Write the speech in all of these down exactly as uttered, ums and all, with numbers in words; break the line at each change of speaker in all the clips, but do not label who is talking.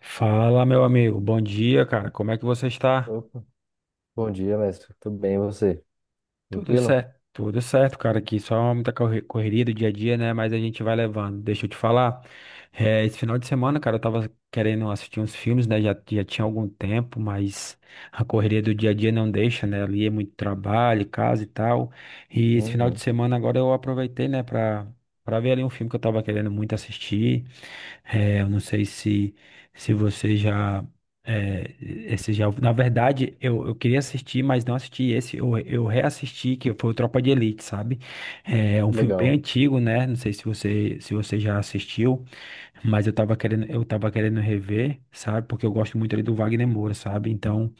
Fala, meu amigo. Bom dia, cara. Como é que você está?
Opa. Bom dia, mestre. Tudo bem, e você?
Tudo
Tranquilo?
certo. Tudo certo, cara. Aqui só muita corre- correria do dia a dia, né? Mas a gente vai levando. Deixa eu te falar. Eh, esse final de semana, cara, eu tava querendo assistir uns filmes, né? Já, já tinha algum tempo, mas a correria do dia a dia não deixa, né? Ali é muito trabalho, casa e tal. E esse final de
Uhum.
semana agora eu aproveitei, né, pra, pra ver ali um filme que eu tava querendo muito assistir. É, eu não sei se, se você já, é, esse já. Na verdade, eu, eu queria assistir, mas não assisti esse. Eu, eu reassisti, que foi o Tropa de Elite, sabe? É um filme bem
Legal.
antigo, né? Não sei se você, se você já assistiu, mas eu tava querendo, eu tava querendo rever, sabe? Porque eu gosto muito ali do Wagner Moura, sabe? Então.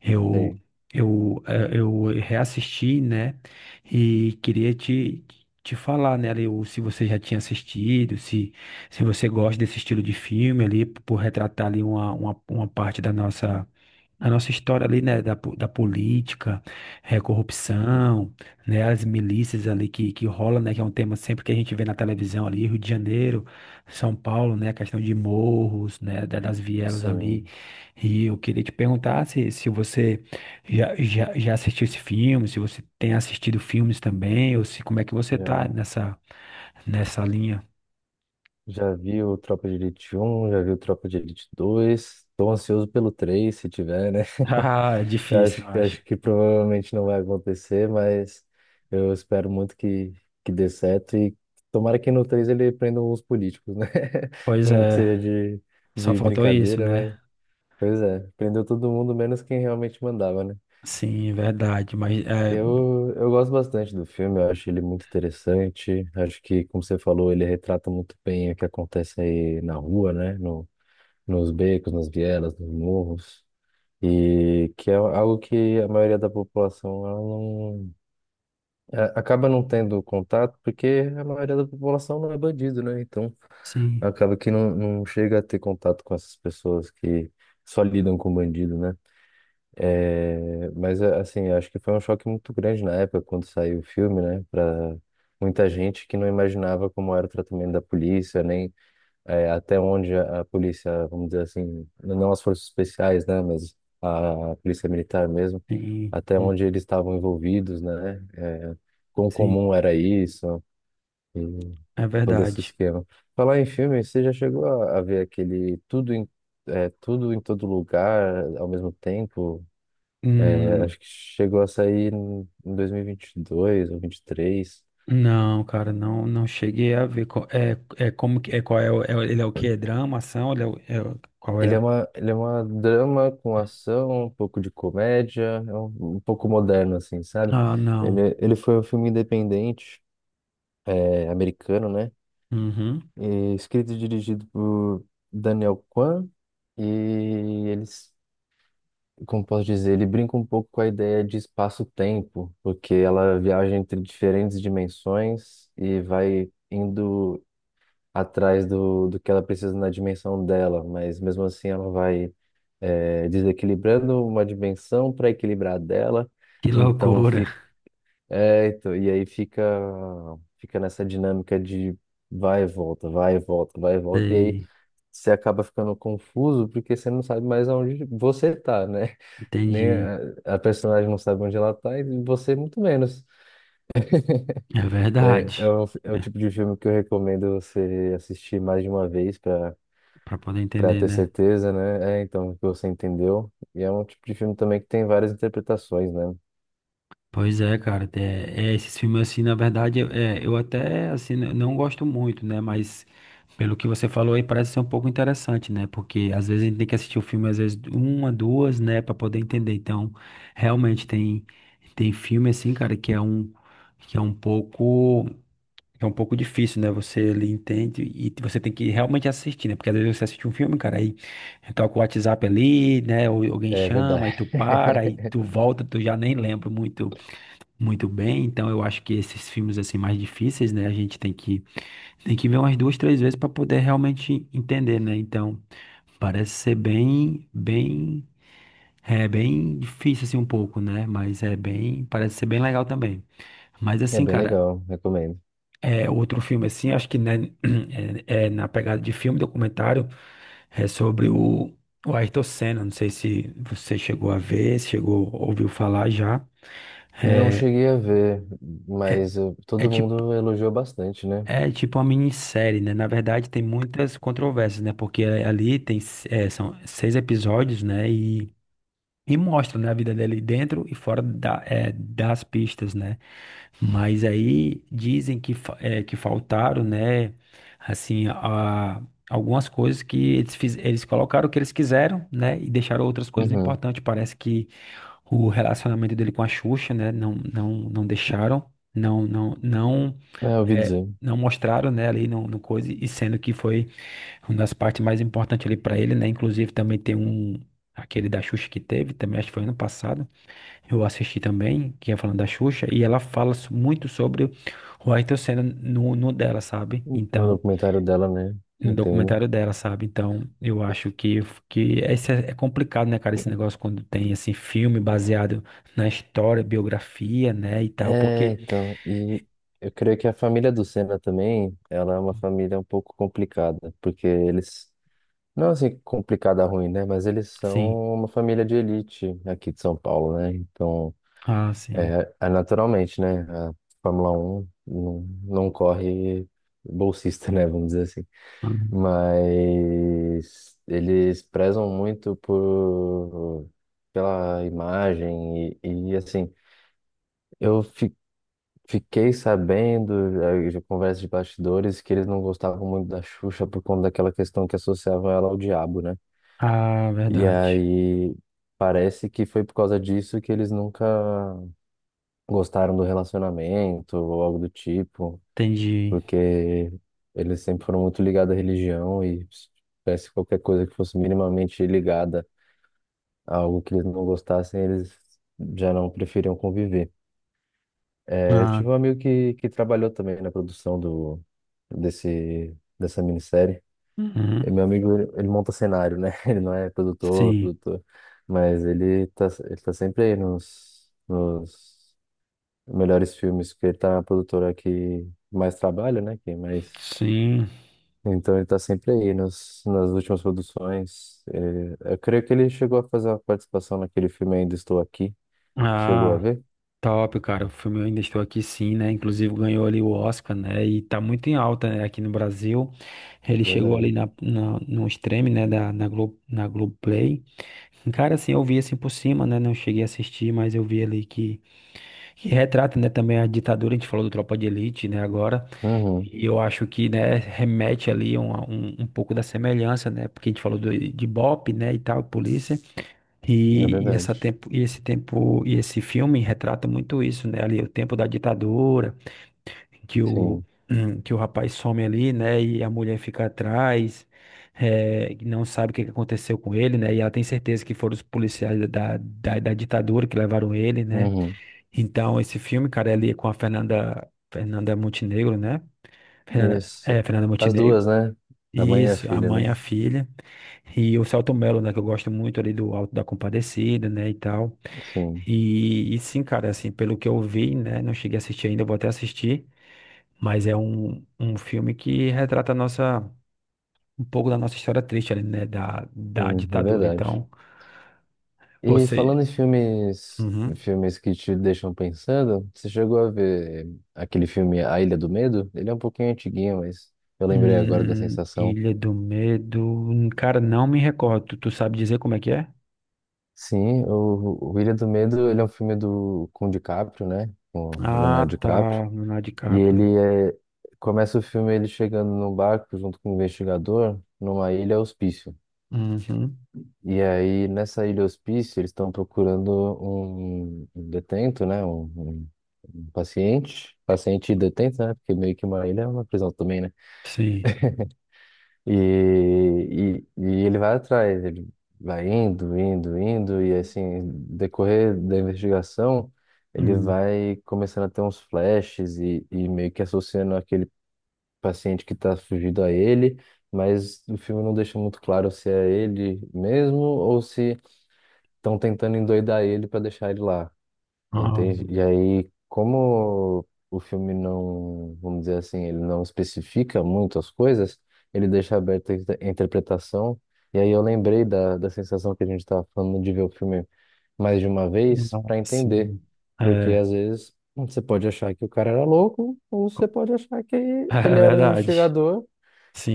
Eu,
Sei.
eu, eh, eu reassisti, né? E queria te, te falar, né, ali, o- se você já tinha assistido, se, se você gosta desse estilo de filme ali, por retratar ali uma, uma, uma parte da nossa. A nossa história ali, né, da, po- da política, eh, corrupção, né, as milícias ali que, que rola, né, que é um tema sempre que a gente vê na televisão ali, Rio de Janeiro, São Paulo, né, a questão de morros, né, da- das vielas ali.
Sim.
E eu queria te perguntar se, se você já, já, já assistiu esse filme, se você tem assistido filmes também, ou se como é que você tá
Já,
nessa, nessa linha.
já vi o Tropa de Elite um, já vi o Tropa de Elite dois. Estou ansioso pelo três, se tiver, né?
Ah, é
Eu
difícil,
acho,
eu
eu
acho.
acho que provavelmente não vai acontecer, mas eu espero muito que, que dê certo. E tomara que no três ele prenda uns políticos, né?
Pois
Mesmo que
é,
seja de,
só
de
faltou isso,
brincadeira,
né?
mas... Pois é, prendeu todo mundo, menos quem realmente mandava, né?
Sim, verdade, mas é,
Eu, eu gosto bastante do filme, eu acho ele muito interessante. Acho que, como você falou, ele retrata muito bem o que acontece aí na rua, né? No, Nos becos, nas vielas, nos morros. E que é algo que a maioria da população ela não, é, acaba não tendo contato, porque a maioria da população não é bandido, né? Então
sim.
acaba que não, não chega a ter contato com essas pessoas que só lidam com bandido, né? É, mas a- assim, acho que foi um choque muito grande na época quando saiu o filme, né? Para muita gente que não imaginava como era o tratamento da polícia, nem é, até onde a, a polícia, vamos dizer assim, não as forças especiais, né? Mas a, a polícia militar mesmo,
Sim,
até
hum,
onde eles estavam envolvidos, né? É, quão
sim,
comum era isso e
é
todo esse
verdade.
esquema. Falar em filme, você já chegou a, a ver aquele tudo em, é, tudo em todo lugar ao mesmo tempo? É,
Hum,
acho que chegou a sair em dois mil e vinte e dois ou vinte e três.
não, cara, não, não cheguei a ver qual, é, é como que é qual é, o- é o- ele é o que é drama, ação, ele é, o- é o- qual é?
Ele é
o-
uma, ele é uma drama com ação, um pouco de comédia, é um, um pouco moderno, assim, sabe?
Ah, não.
Ele, ele foi um filme independente, é, americano, né?
Uhum.
E escrito e dirigido por Daniel Kwan. E eles, como posso dizer, ele brinca um pouco com a ideia de espaço-tempo, porque ela viaja entre diferentes dimensões e vai indo atrás do, do que ela precisa na dimensão dela, mas mesmo assim ela vai é, desequilibrando uma dimensão para equilibrar a dela,
Que
então
loucura.
fica, é, então, e aí fica fica nessa dinâmica de vai e volta, vai e volta, vai e volta, e aí
Sei,
você acaba ficando confuso porque você não sabe mais onde você tá, né? Nem
entendi.
a, a personagem não sabe onde ela tá e você muito menos.
É
É,
verdade.
é o, é o tipo de filme que eu recomendo você assistir mais de uma vez para
Para poder
Pra
entender,
ter
né?
certeza, né? É, então, o que você entendeu. E é um tipo de filme também que tem várias interpretações, né?
Pois é, cara, é, é, esses filmes assim, na verdade, é, eu até assim n- não gosto muito, né? Mas pelo que você falou aí parece ser um pouco interessante, né? Porque às vezes a gente tem que assistir o filme às vezes uma, duas, né, pra poder entender. Então, realmente tem tem filme assim, cara, que é um que é um pouco que é um pouco difícil, né? Você ele entende e você tem que realmente assistir, né? Porque às vezes você assiste um filme, cara, aí toca o WhatsApp ali, né? Ou alguém
É verdade.
chama, aí tu para, aí tu volta, tu já nem lembra muito muito bem, então eu acho que esses filmes assim mais difíceis, né, a gente tem que tem que ver umas duas, três vezes para poder realmente entender, né? Então, parece ser bem bem é bem difícil assim um pouco, né? Mas é bem, parece ser bem legal também. Mas
É
assim,
bem
cara,
legal, recomendo.
é outro filme assim, acho que né, é, é na pegada de filme documentário, é sobre o o Ayrton Senna, não sei se você chegou a ver, se chegou, ouviu falar já.
Não
É,
cheguei a ver,
é,
mas eu-
é
todo
tipo
mundo elogiou bastante, né?
É tipo uma minissérie, né? Na verdade, tem muitas controvérsias, né? Porque eh, ali tem, eh, são seis episódios, né? E, e mostra, né, a vida dele dentro e fora da, eh, das pistas, né? Mas aí dizem que, fa- eh, que faltaram, né? Assim, a, algumas coisas que eles, fiz, eles colocaram o que eles quiseram, né? E deixaram outras coisas
Uhum.
importantes. Parece que o relacionamento dele com a Xuxa, né? Não, não, não deixaram. Não, não, não
É, eu ouvi
é,
dizer.
não mostraram, né, ali no, no coisa, e sendo que foi uma das partes mais importantes ali para ele, né, inclusive também tem um, aquele da Xuxa que teve, também acho que foi ano passado, eu assisti também, que é falando da Xuxa, e ela fala so- muito sobre o Ayrton Senna no, no dela, sabe,
No
então,
documentário dela, né?
no
Entendo.
documentário dela, sabe, então, eu acho que, que esse é, é complicado, né, cara, esse negócio quando tem, assim, filme baseado na história, biografia, né, e tal,
É,
porque,
então, e eu creio que a família do Senna também, ela é uma família um pouco complicada, porque eles não é assim complicada ruim, né? Mas eles são
sim,
uma família de elite aqui de São Paulo, né? Então,
ah, sim.
é, é naturalmente, né? A Fórmula Um não, não corre bolsista, né? Vamos dizer assim. Mas eles prezam muito por pela imagem e, e, assim, eu fi- Fiquei sabendo, eh, de conversa de bastidores, que eles não gostavam muito da Xuxa por conta daquela questão que associavam ela ao diabo, né?
Ah,
E
verdade.
aí parece que foi por causa disso que eles nunca gostaram do relacionamento ou algo do tipo,
Entendi.
porque eles sempre foram muito ligados à religião e se tivesse qualquer coisa que fosse minimamente ligada a algo que eles não gostassem, eles já não preferiam conviver. É, eu
Ah,
tive um amigo que, que trabalhou também na produção do, desse, dessa minissérie. E
uhum.
meu amigo, ele, ele monta cenário, né? Ele não é produtor,
Sim,
produtor, mas ele tá, ele tá sempre aí nos, nos melhores filmes, porque ele tá na produtora que mais trabalha, né? Que mais...
sim.
Então ele tá sempre aí nos, nas últimas produções. Ele- eu creio que ele chegou a fazer uma participação naquele filme Ainda Estou Aqui. Chegou a
Ah,
ver?
top, cara. O filme Eu Ainda Estou Aqui, sim, né? Inclusive ganhou ali o Oscar, né? E tá muito em alta, né? Aqui no Brasil. Ele chegou ali
Verdade.
na, na, no stream, né? Da, na Glo Na Globoplay. Cara, assim, eu vi assim por cima, né? Não cheguei a assistir, mas eu vi ali que, que retrata, né? Também a ditadura. A gente falou do Tropa de Elite, né? Agora.
Uhum,
E eu acho que, né, remete ali um, a um, um pouco da semelhança, né? Porque a gente falou do, de BOPE, né, e tal, polícia.
é
E, e
verdade.
essa tempo, e esse tempo, E esse filme retrata muito isso, né? Ali, o tempo da ditadura, que o,
Sim.
que o rapaz some ali, né? E a mulher fica atrás, eh, e não sabe o que que aconteceu com ele, né? E ela tem certeza que foram os policiais da, da, da ditadura que levaram ele, né?
Uhum.
Então, esse filme, cara, é ali com a Fernanda, Fernanda Montenegro, né?
Isso.
É, Fernanda
As
Montenegro.
duas, né? A mãe e a
Isso, a
filha,
mãe, e
né?
a filha e o Selton Mello, né, que eu gosto muito ali do Alto da Compadecida, né, e tal.
Sim.
E, e sim, cara, assim, pelo que eu vi, né, não cheguei a assistir ainda, vou até assistir, mas é um, um filme que retrata a nossa, um pouco da nossa história triste ali, né, da, da
Sim, é
ditadura.
verdade.
Então,
E
você...
falando em filmes,
Uhum.
filmes que te deixam pensando, você chegou a ver aquele filme A Ilha do Medo? Ele é um pouquinho antiguinho, mas eu lembrei agora da
Hum,
sensação.
Ilha do Medo, cara, não me recordo, tu, tu sabe dizer como é que é?
Sim, o, o Ilha do Medo, ele é um filme do com o DiCaprio, né? Com o
Ah,
Leonardo
tá,
DiCaprio.
Leonardo
E
DiCaprio.
ele é, começa o filme ele chegando num barco junto com um investigador numa ilha hospício.
Uhum.
E aí, nessa ilha hospício, eles estão procurando um um detento, né? Um, um- um paciente, paciente e detento, né? Porque meio que uma ilha é uma prisão também, né?
Sim.
E, e, e ele vai atrás, ele vai indo, indo, indo, e assim, decorrer da investigação, ele
Hum.
vai começando a ter uns flashes e, e meio que associando aquele paciente que está fugido a ele, mas o filme não deixa muito claro se é ele mesmo ou se estão tentando endoidar ele para deixar ele lá,
Ah.
entende? E aí, como o filme não, vamos dizer assim, ele não especifica muito as coisas, ele deixa aberta a inter- a interpretação. E aí eu lembrei da, da sensação que a gente estava falando de ver o filme mais de uma vez para
Ah,
entender,
sim.
porque
É,
às vezes você pode achar que o cara era louco, ou você
co-
pode achar que
é
ele era um
verdade.
investigador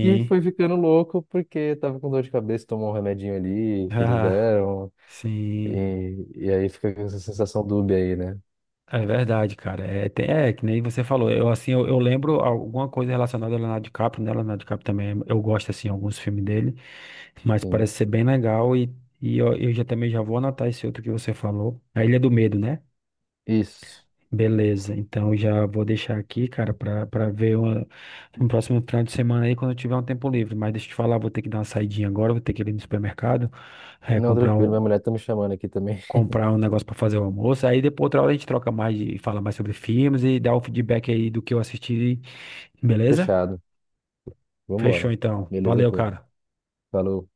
que foi ficando louco porque tava com dor de cabeça, tomou um remedinho ali que eles
Ah,
deram.
sim.
E, e aí fica com essa sensação dúbia aí, né?
É verdade, cara. É, tem, é que nem você falou. Eu assim, eu, eu lembro alguma coisa relacionada a Leonardo DiCaprio, né? Leonardo DiCaprio também. Eu gosto assim alguns filmes dele, mas
Sim.
parece ser bem legal e, e eu, eu já também já vou anotar esse outro que você falou. A Ilha do Medo, né?
Isso.
Beleza, então já vou deixar aqui, cara, pra, pra ver uma, um próximo final de semana aí quando eu tiver um tempo livre. Mas deixa eu te falar, vou ter que dar uma saidinha agora, vou ter que ir no supermercado, eh,
Não,
comprar
tranquilo,
um,
minha mulher tá me chamando aqui também.
comprar um negócio pra fazer o almoço. Aí depois outra hora a gente troca mais e fala mais sobre filmes e dá o feedback aí do que eu assisti, beleza?
Fechado.
Fechou
Vambora.
então.
Beleza,
Valeu,
pô.
cara.
Falou.